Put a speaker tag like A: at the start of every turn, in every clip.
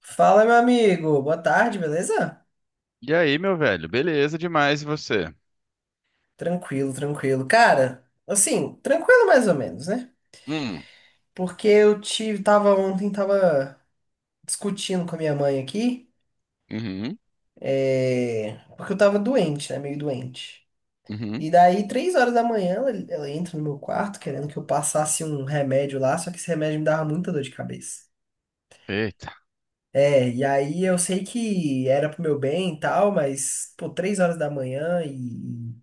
A: Fala, meu amigo. Boa tarde, beleza?
B: E aí, meu velho? Beleza demais, e você?
A: Tranquilo, tranquilo. Cara, assim, tranquilo mais ou menos, né?
B: Hum,
A: Porque tava ontem, tava discutindo com a minha mãe aqui,
B: uhum,
A: porque eu tava doente, né? Meio doente.
B: uhum.
A: E daí, 3 horas da manhã, ela entra no meu quarto querendo que eu passasse um remédio lá, só que esse remédio me dava muita dor de cabeça.
B: Eita.
A: E aí eu sei que era pro meu bem e tal, mas, pô, 3 horas da manhã e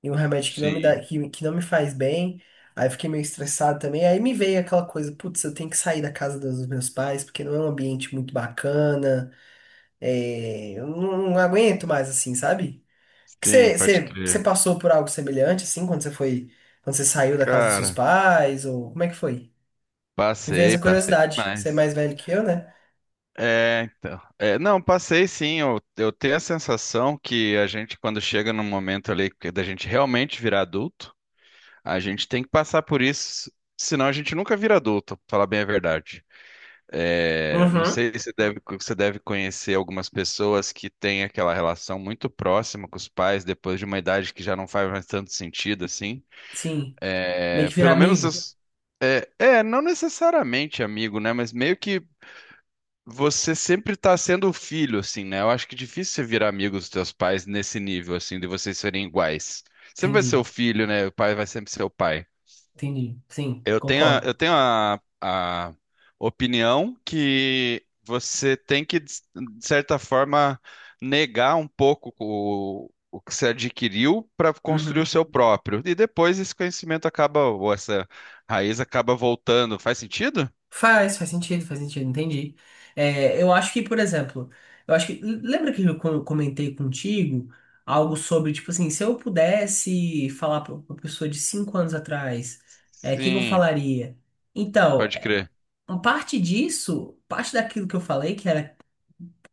A: um remédio que não me dá,
B: Sim,
A: que não me faz bem. Aí eu fiquei meio estressado também. Aí me veio aquela coisa, putz, eu tenho que sair da casa dos meus pais, porque não é um ambiente muito bacana. Eu não aguento mais assim, sabe? Que
B: sim,
A: você
B: pode
A: você- você
B: crer.
A: passou por algo semelhante assim quando você foi, quando você saiu da casa dos seus
B: Cara,
A: pais ou como é que foi? Me veio
B: passei,
A: essa
B: passei
A: curiosidade. Você é
B: demais.
A: mais velho que eu, né?
B: É, então. É, não, passei sim. Eu tenho a sensação que a gente, quando chega num momento ali que da gente realmente virar adulto, a gente tem que passar por isso, senão a gente nunca vira adulto, pra falar bem a verdade. É, não
A: Uhum.
B: sei se deve, você deve conhecer algumas pessoas que têm aquela relação muito próxima com os pais depois de uma idade que já não faz mais tanto sentido assim.
A: Sim. Meio
B: É,
A: que virar
B: pelo menos,
A: amigo.
B: não necessariamente amigo, né? Mas meio que você sempre tá sendo o filho, assim, né? Eu acho que é difícil você virar amigo dos teus pais nesse nível, assim, de vocês serem iguais. Sempre vai ser o
A: Entendi.
B: filho, né? O pai vai sempre ser o pai.
A: Entendi. Sim,
B: Eu tenho, a-
A: concordo.
B: eu tenho a, a opinião que você tem que, de certa forma, negar um pouco o que você adquiriu para construir o
A: Uhum.
B: seu próprio. E depois esse conhecimento acaba, ou essa raiz acaba voltando. Faz sentido?
A: Faz, faz sentido, entendi. É, eu acho que, por exemplo, eu acho que. Lembra que eu comentei contigo algo sobre, tipo assim, se eu pudesse falar para uma pessoa de 5 anos atrás, o que que eu
B: Sim,
A: falaria? Então,
B: pode crer.
A: uma parte disso, parte daquilo que eu falei, que era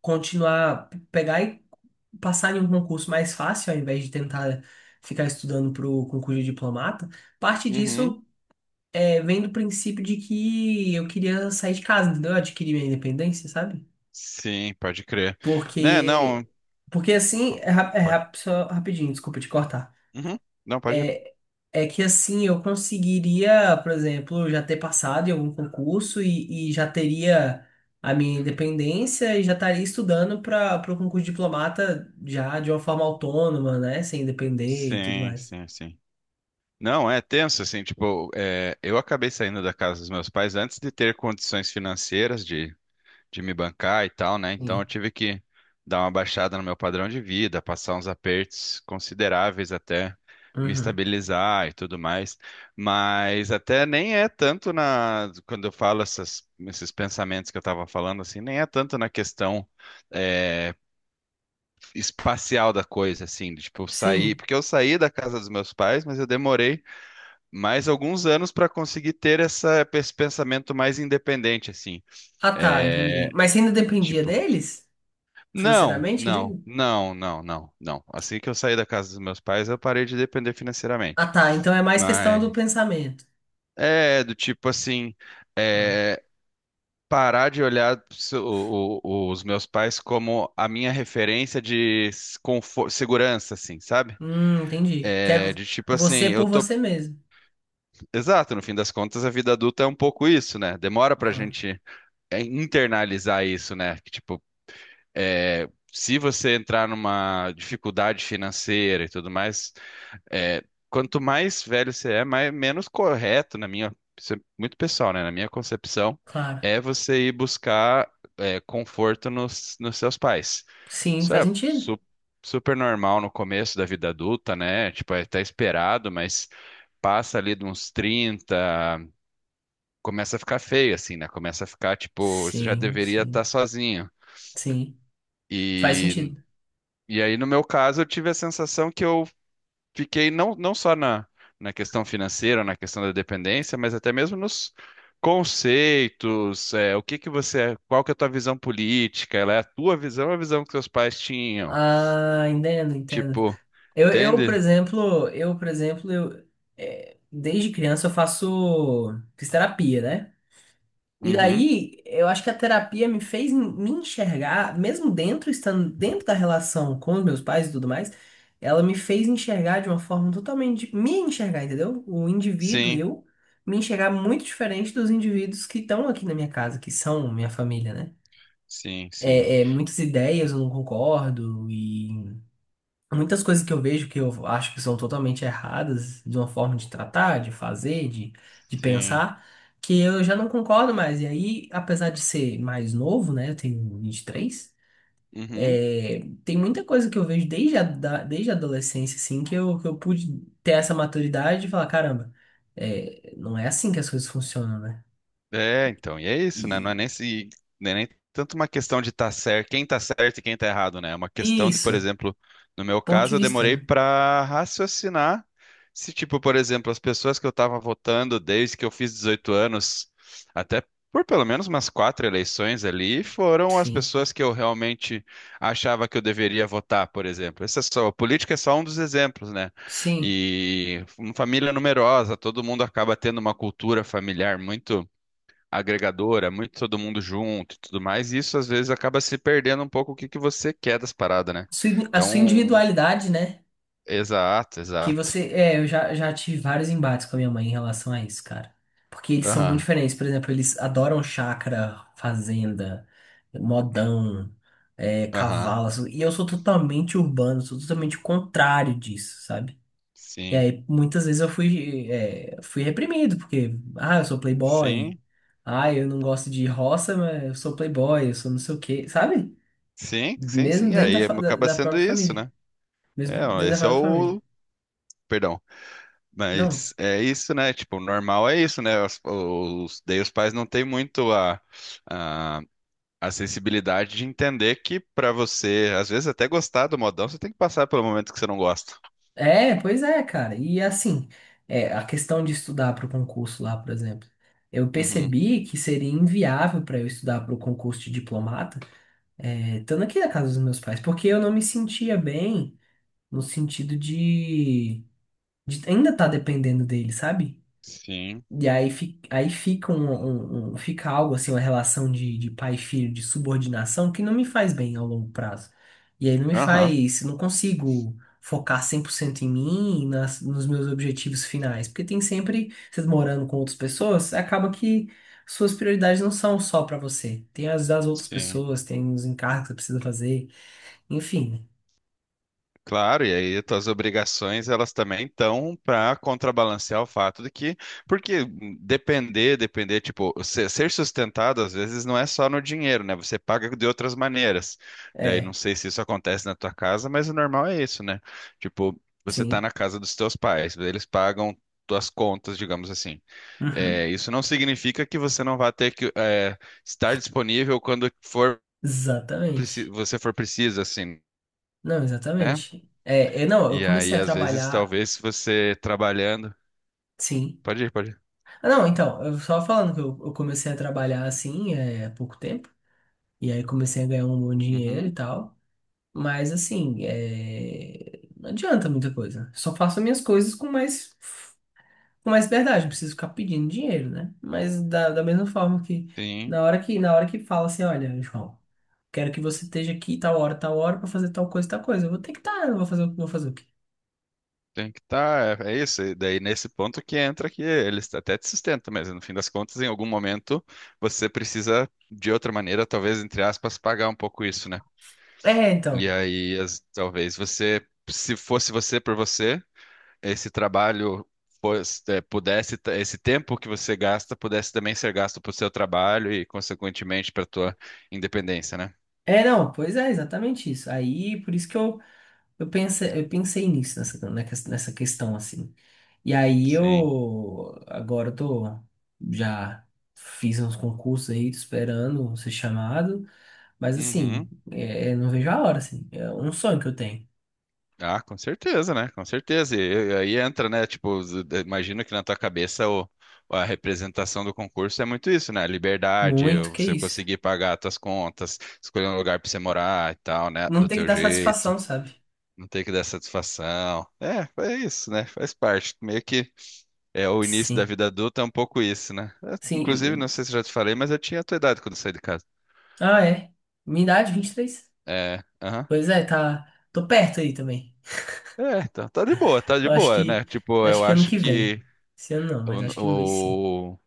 A: continuar, pegar e passar em um concurso mais fácil, ao invés de tentar ficar estudando para o concurso de diplomata, parte
B: Uhum.
A: disso vem do princípio de que eu queria sair de casa, entendeu? Eu adquiri minha independência, sabe?
B: Sim, pode crer. Né,
A: Porque,
B: não,
A: porque assim,
B: pode.
A: só rapidinho, desculpa te cortar.
B: Uhum. Não, pode.
A: É, é que assim, eu conseguiria, por exemplo, já ter passado em algum concurso e já teria a minha independência e já estaria estudando para o concurso de diplomata já de uma forma autônoma, né? Sem depender e tudo
B: Sim,
A: mais.
B: sim, sim. Não, é tenso, assim, tipo, é, eu acabei saindo da casa dos meus pais antes de ter condições financeiras de me bancar e tal, né? Então eu
A: Sim.
B: tive que dar uma baixada no meu padrão de vida, passar uns apertos consideráveis até me
A: Uhum.
B: estabilizar e tudo mais. Mas até nem é tanto quando eu falo esses pensamentos que eu tava falando, assim, nem é tanto na questão é, espacial da coisa, assim, de, tipo, sair,
A: Sim.
B: porque eu saí da casa dos meus pais, mas eu demorei mais alguns anos para conseguir ter essa, esse pensamento mais independente, assim.
A: Ah, tá,
B: É,
A: entendi. Mas você ainda dependia
B: tipo,
A: deles?
B: não,
A: Financeiramente, eu
B: não,
A: digo?
B: não, não, não, não. Assim que eu saí da casa dos meus pais, eu parei de depender
A: Ah,
B: financeiramente.
A: tá. Então é mais questão do
B: Mas
A: pensamento.
B: é do tipo assim,
A: Ah.
B: é, parar de olhar os meus pais como a minha referência de segurança, assim, sabe?
A: Entendi.
B: É,
A: Quer
B: de tipo assim,
A: você
B: eu
A: por
B: tô.
A: você mesmo.
B: Exato, no fim das contas, a vida adulta é um pouco isso, né? Demora pra
A: Aham,
B: gente internalizar isso, né? Que, tipo, se você entrar numa dificuldade financeira e tudo mais, é, quanto mais velho você é, mais, menos correto, na minha, isso é muito pessoal, né? Na minha concepção,
A: claro.
B: é você ir buscar conforto nos seus pais.
A: Sim,
B: Isso
A: faz
B: é
A: sentido.
B: super normal no começo da vida adulta, né? Tipo, é até esperado, mas passa ali de uns 30 começa a ficar feio, assim, né? Começa a ficar, tipo, você já
A: Sim,
B: deveria
A: sim,
B: estar sozinho.
A: sim. Faz
B: E,
A: sentido.
B: e aí, no meu caso, eu tive a sensação que eu fiquei não, não só na questão financeira, na questão da dependência, mas até mesmo nos conceitos, o que que você, qual que é a tua visão política? Ela é a tua visão ou a visão que seus pais tinham?
A: Ah, entendo, entendo.
B: Tipo,
A: Eu, eu, por
B: entende?
A: exemplo, eu, por exemplo, eu, desde criança eu faço fisioterapia, né? E
B: Uhum.
A: daí, eu acho que a terapia me fez me enxergar, mesmo dentro, estando dentro da relação com os meus pais e tudo mais, ela me fez enxergar de uma forma totalmente, me enxergar, entendeu? O indivíduo,
B: Sim,
A: eu, me enxergar muito diferente dos indivíduos que estão aqui na minha casa, que são minha família, né?
B: sim, sim,
A: Muitas ideias eu não concordo e muitas coisas que eu vejo que eu acho que são totalmente erradas, de uma forma de tratar, de fazer, de
B: sim.
A: pensar, que eu já não concordo mais. E aí, apesar de ser mais novo, né, eu tenho 23,
B: Uhum.
A: é, tem muita coisa que eu vejo desde a adolescência, assim, que eu pude ter essa maturidade e falar, caramba, não é assim que as coisas funcionam, né?
B: É, então, e é isso, né? Não é
A: E
B: nem se, não é nem tanto uma questão de estar certo, quem tá certo e quem tá errado, né? É uma questão de, por
A: isso,
B: exemplo, no meu
A: ponto de
B: caso, eu
A: vista,
B: demorei
A: né?
B: para raciocinar se, tipo, por exemplo, as pessoas que eu tava votando desde que eu fiz 18 anos, até por pelo menos umas quatro eleições ali, foram as
A: Sim,
B: pessoas que eu realmente achava que eu deveria votar, por exemplo. Essa é só, a política é só um dos exemplos, né?
A: sim.
B: E uma família numerosa, todo mundo acaba tendo uma cultura familiar muito agregadora, muito todo mundo junto e tudo mais, e isso às vezes acaba se perdendo um pouco o que que você quer das paradas, né?
A: Sua A sua
B: Então,
A: individualidade, né?
B: exato,
A: Que
B: exato.
A: você. É, eu já tive vários embates com a minha mãe em relação a isso, cara. Porque eles são muito
B: Aham,
A: diferentes. Por exemplo, eles adoram chácara, fazenda, modão,
B: aham.
A: cavalo, assim. E eu sou totalmente urbano, sou totalmente o contrário disso, sabe? E
B: Sim,
A: aí, muitas vezes eu fui reprimido, porque, ah, eu sou playboy.
B: sim,
A: Ah, eu não gosto de roça, mas eu sou playboy, eu sou não sei o quê, sabe?
B: sim, sim,
A: Mesmo
B: sim.
A: dentro
B: É,
A: da,
B: e
A: fa-
B: aí
A: da,
B: acaba
A: da
B: sendo
A: própria
B: isso,
A: família.
B: né?
A: Mesmo
B: É, ó,
A: dentro da
B: esse é
A: própria família.
B: o. Perdão.
A: Não,
B: Mas é isso, né? Tipo, o normal é isso, né? Daí os pais não têm muito a, a sensibilidade de entender que pra você, às vezes até gostar do modão, você tem que passar pelo momento que você não gosta.
A: Pois é, cara. E assim, a questão de estudar para o concurso lá, por exemplo, eu
B: Uhum.
A: percebi que seria inviável para eu estudar para o concurso de diplomata, estando aqui na casa dos meus pais, porque eu não me sentia bem no sentido de ainda estar dependendo deles, sabe?
B: Sim.
A: E aí, fi- aí fica, um- um- fica algo assim, uma relação de pai e filho, de subordinação, que não me faz bem ao longo prazo. E aí não me
B: Aham.
A: faz, não consigo focar 100% em mim, e nos meus objetivos finais. Porque tem sempre, vocês morando com outras pessoas, acaba que suas prioridades não são só pra você. Tem as das outras
B: Sim.
A: pessoas, tem os encargos que você precisa fazer, enfim.
B: Claro, e aí tuas obrigações elas também estão para contrabalancear o fato de que, porque depender, depender, tipo, ser, ser sustentado às vezes não é só no dinheiro, né? Você paga de outras maneiras.
A: Né?
B: Daí não
A: É,
B: sei se isso acontece na tua casa, mas o normal é isso, né? Tipo, você tá
A: sim.
B: na casa dos teus pais, eles pagam tuas contas, digamos assim.
A: Uhum.
B: É, isso não significa que você não vá ter que estar disponível
A: Exatamente.
B: você for preciso, assim.
A: Não,
B: Né?
A: exatamente. É, não, eu
B: E
A: comecei
B: aí,
A: a
B: às vezes,
A: trabalhar.
B: talvez você trabalhando.
A: Sim.
B: Pode ir, pode ir.
A: Ah, não, então, eu só falando que eu comecei a trabalhar assim, há pouco tempo, e aí comecei a ganhar um bom dinheiro e
B: Uhum,
A: tal, mas assim, não adianta muita coisa. Só faço minhas coisas com mais verdade, não preciso ficar pedindo dinheiro, né? Mas da mesma forma que
B: sim,
A: na hora que fala assim, olha, João, quero que você esteja aqui tal hora, pra fazer tal coisa, eu vou ter que estar, eu vou fazer, vou fazer o quê?
B: tem que estar. É isso. E daí, nesse ponto que entra que eles até te sustentam, mas no fim das contas, em algum momento, você precisa, de outra maneira, talvez, entre aspas, pagar um pouco isso, né?
A: É,
B: E
A: então.
B: aí, talvez você, se fosse você por você, esse trabalho. Esse tempo que você gasta pudesse também ser gasto para o seu trabalho e consequentemente para a tua independência, né?
A: É, não, pois é, exatamente isso. Aí, por isso que eu pensei nisso, nessa questão, assim. E aí
B: Sim.
A: agora eu tô, já fiz uns concursos aí, tô esperando ser chamado, mas assim,
B: Uhum.
A: não vejo a hora, assim. É um sonho que eu tenho.
B: Ah, com certeza, né? Com certeza. E aí entra, né? Tipo, imagino que na tua cabeça o, a representação do concurso é muito isso, né? Liberdade,
A: Muito, que
B: você
A: isso.
B: conseguir pagar as tuas contas, escolher um lugar pra você morar e tal, né?
A: Não
B: Do
A: tem que
B: teu
A: dar
B: jeito,
A: satisfação, sabe?
B: não ter que dar satisfação. É isso, né? Faz parte. Meio que é o início da
A: Sim,
B: vida adulta, é um pouco isso, né? É, inclusive, não
A: sim.
B: sei se eu já te falei, mas eu tinha a tua idade quando eu saí de casa.
A: Ah, é. Minha idade, 23.
B: É, aham.
A: Pois é, tá, tô perto aí também.
B: É, tá, tá de
A: Eu acho
B: boa, né?
A: que,
B: Tipo,
A: acho
B: eu
A: que ano
B: acho
A: que vem.
B: que
A: Esse ano não, mas acho que ano que vem sim.
B: o, o-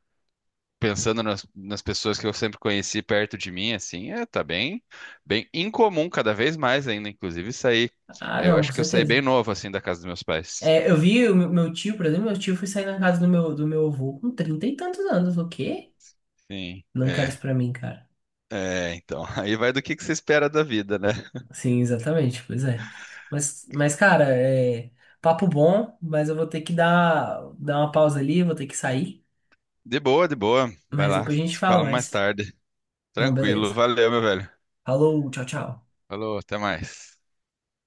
B: pensando nas pessoas que eu sempre conheci perto de mim, assim, tá bem, bem incomum, cada vez mais ainda, inclusive, sair.
A: Ah,
B: Eu
A: não, com
B: acho que eu saí
A: certeza.
B: bem novo, assim, da casa dos meus pais.
A: É, eu vi o meu tio, por exemplo, meu tio foi sair na casa do meu avô com trinta e tantos anos. O quê?
B: Sim,
A: Não quero isso
B: é.
A: pra mim, cara.
B: É, então, aí vai do que você espera da vida, né?
A: Sim, exatamente, pois é. Mas cara, é papo bom, mas eu vou ter que dar uma pausa ali, vou ter que sair.
B: De boa, de boa. Vai
A: Mas
B: lá,
A: depois a gente
B: te
A: fala
B: falo mais
A: mais.
B: tarde.
A: Não,
B: Tranquilo,
A: beleza.
B: valeu, meu velho.
A: Falou, tchau, tchau.
B: Falou, até mais.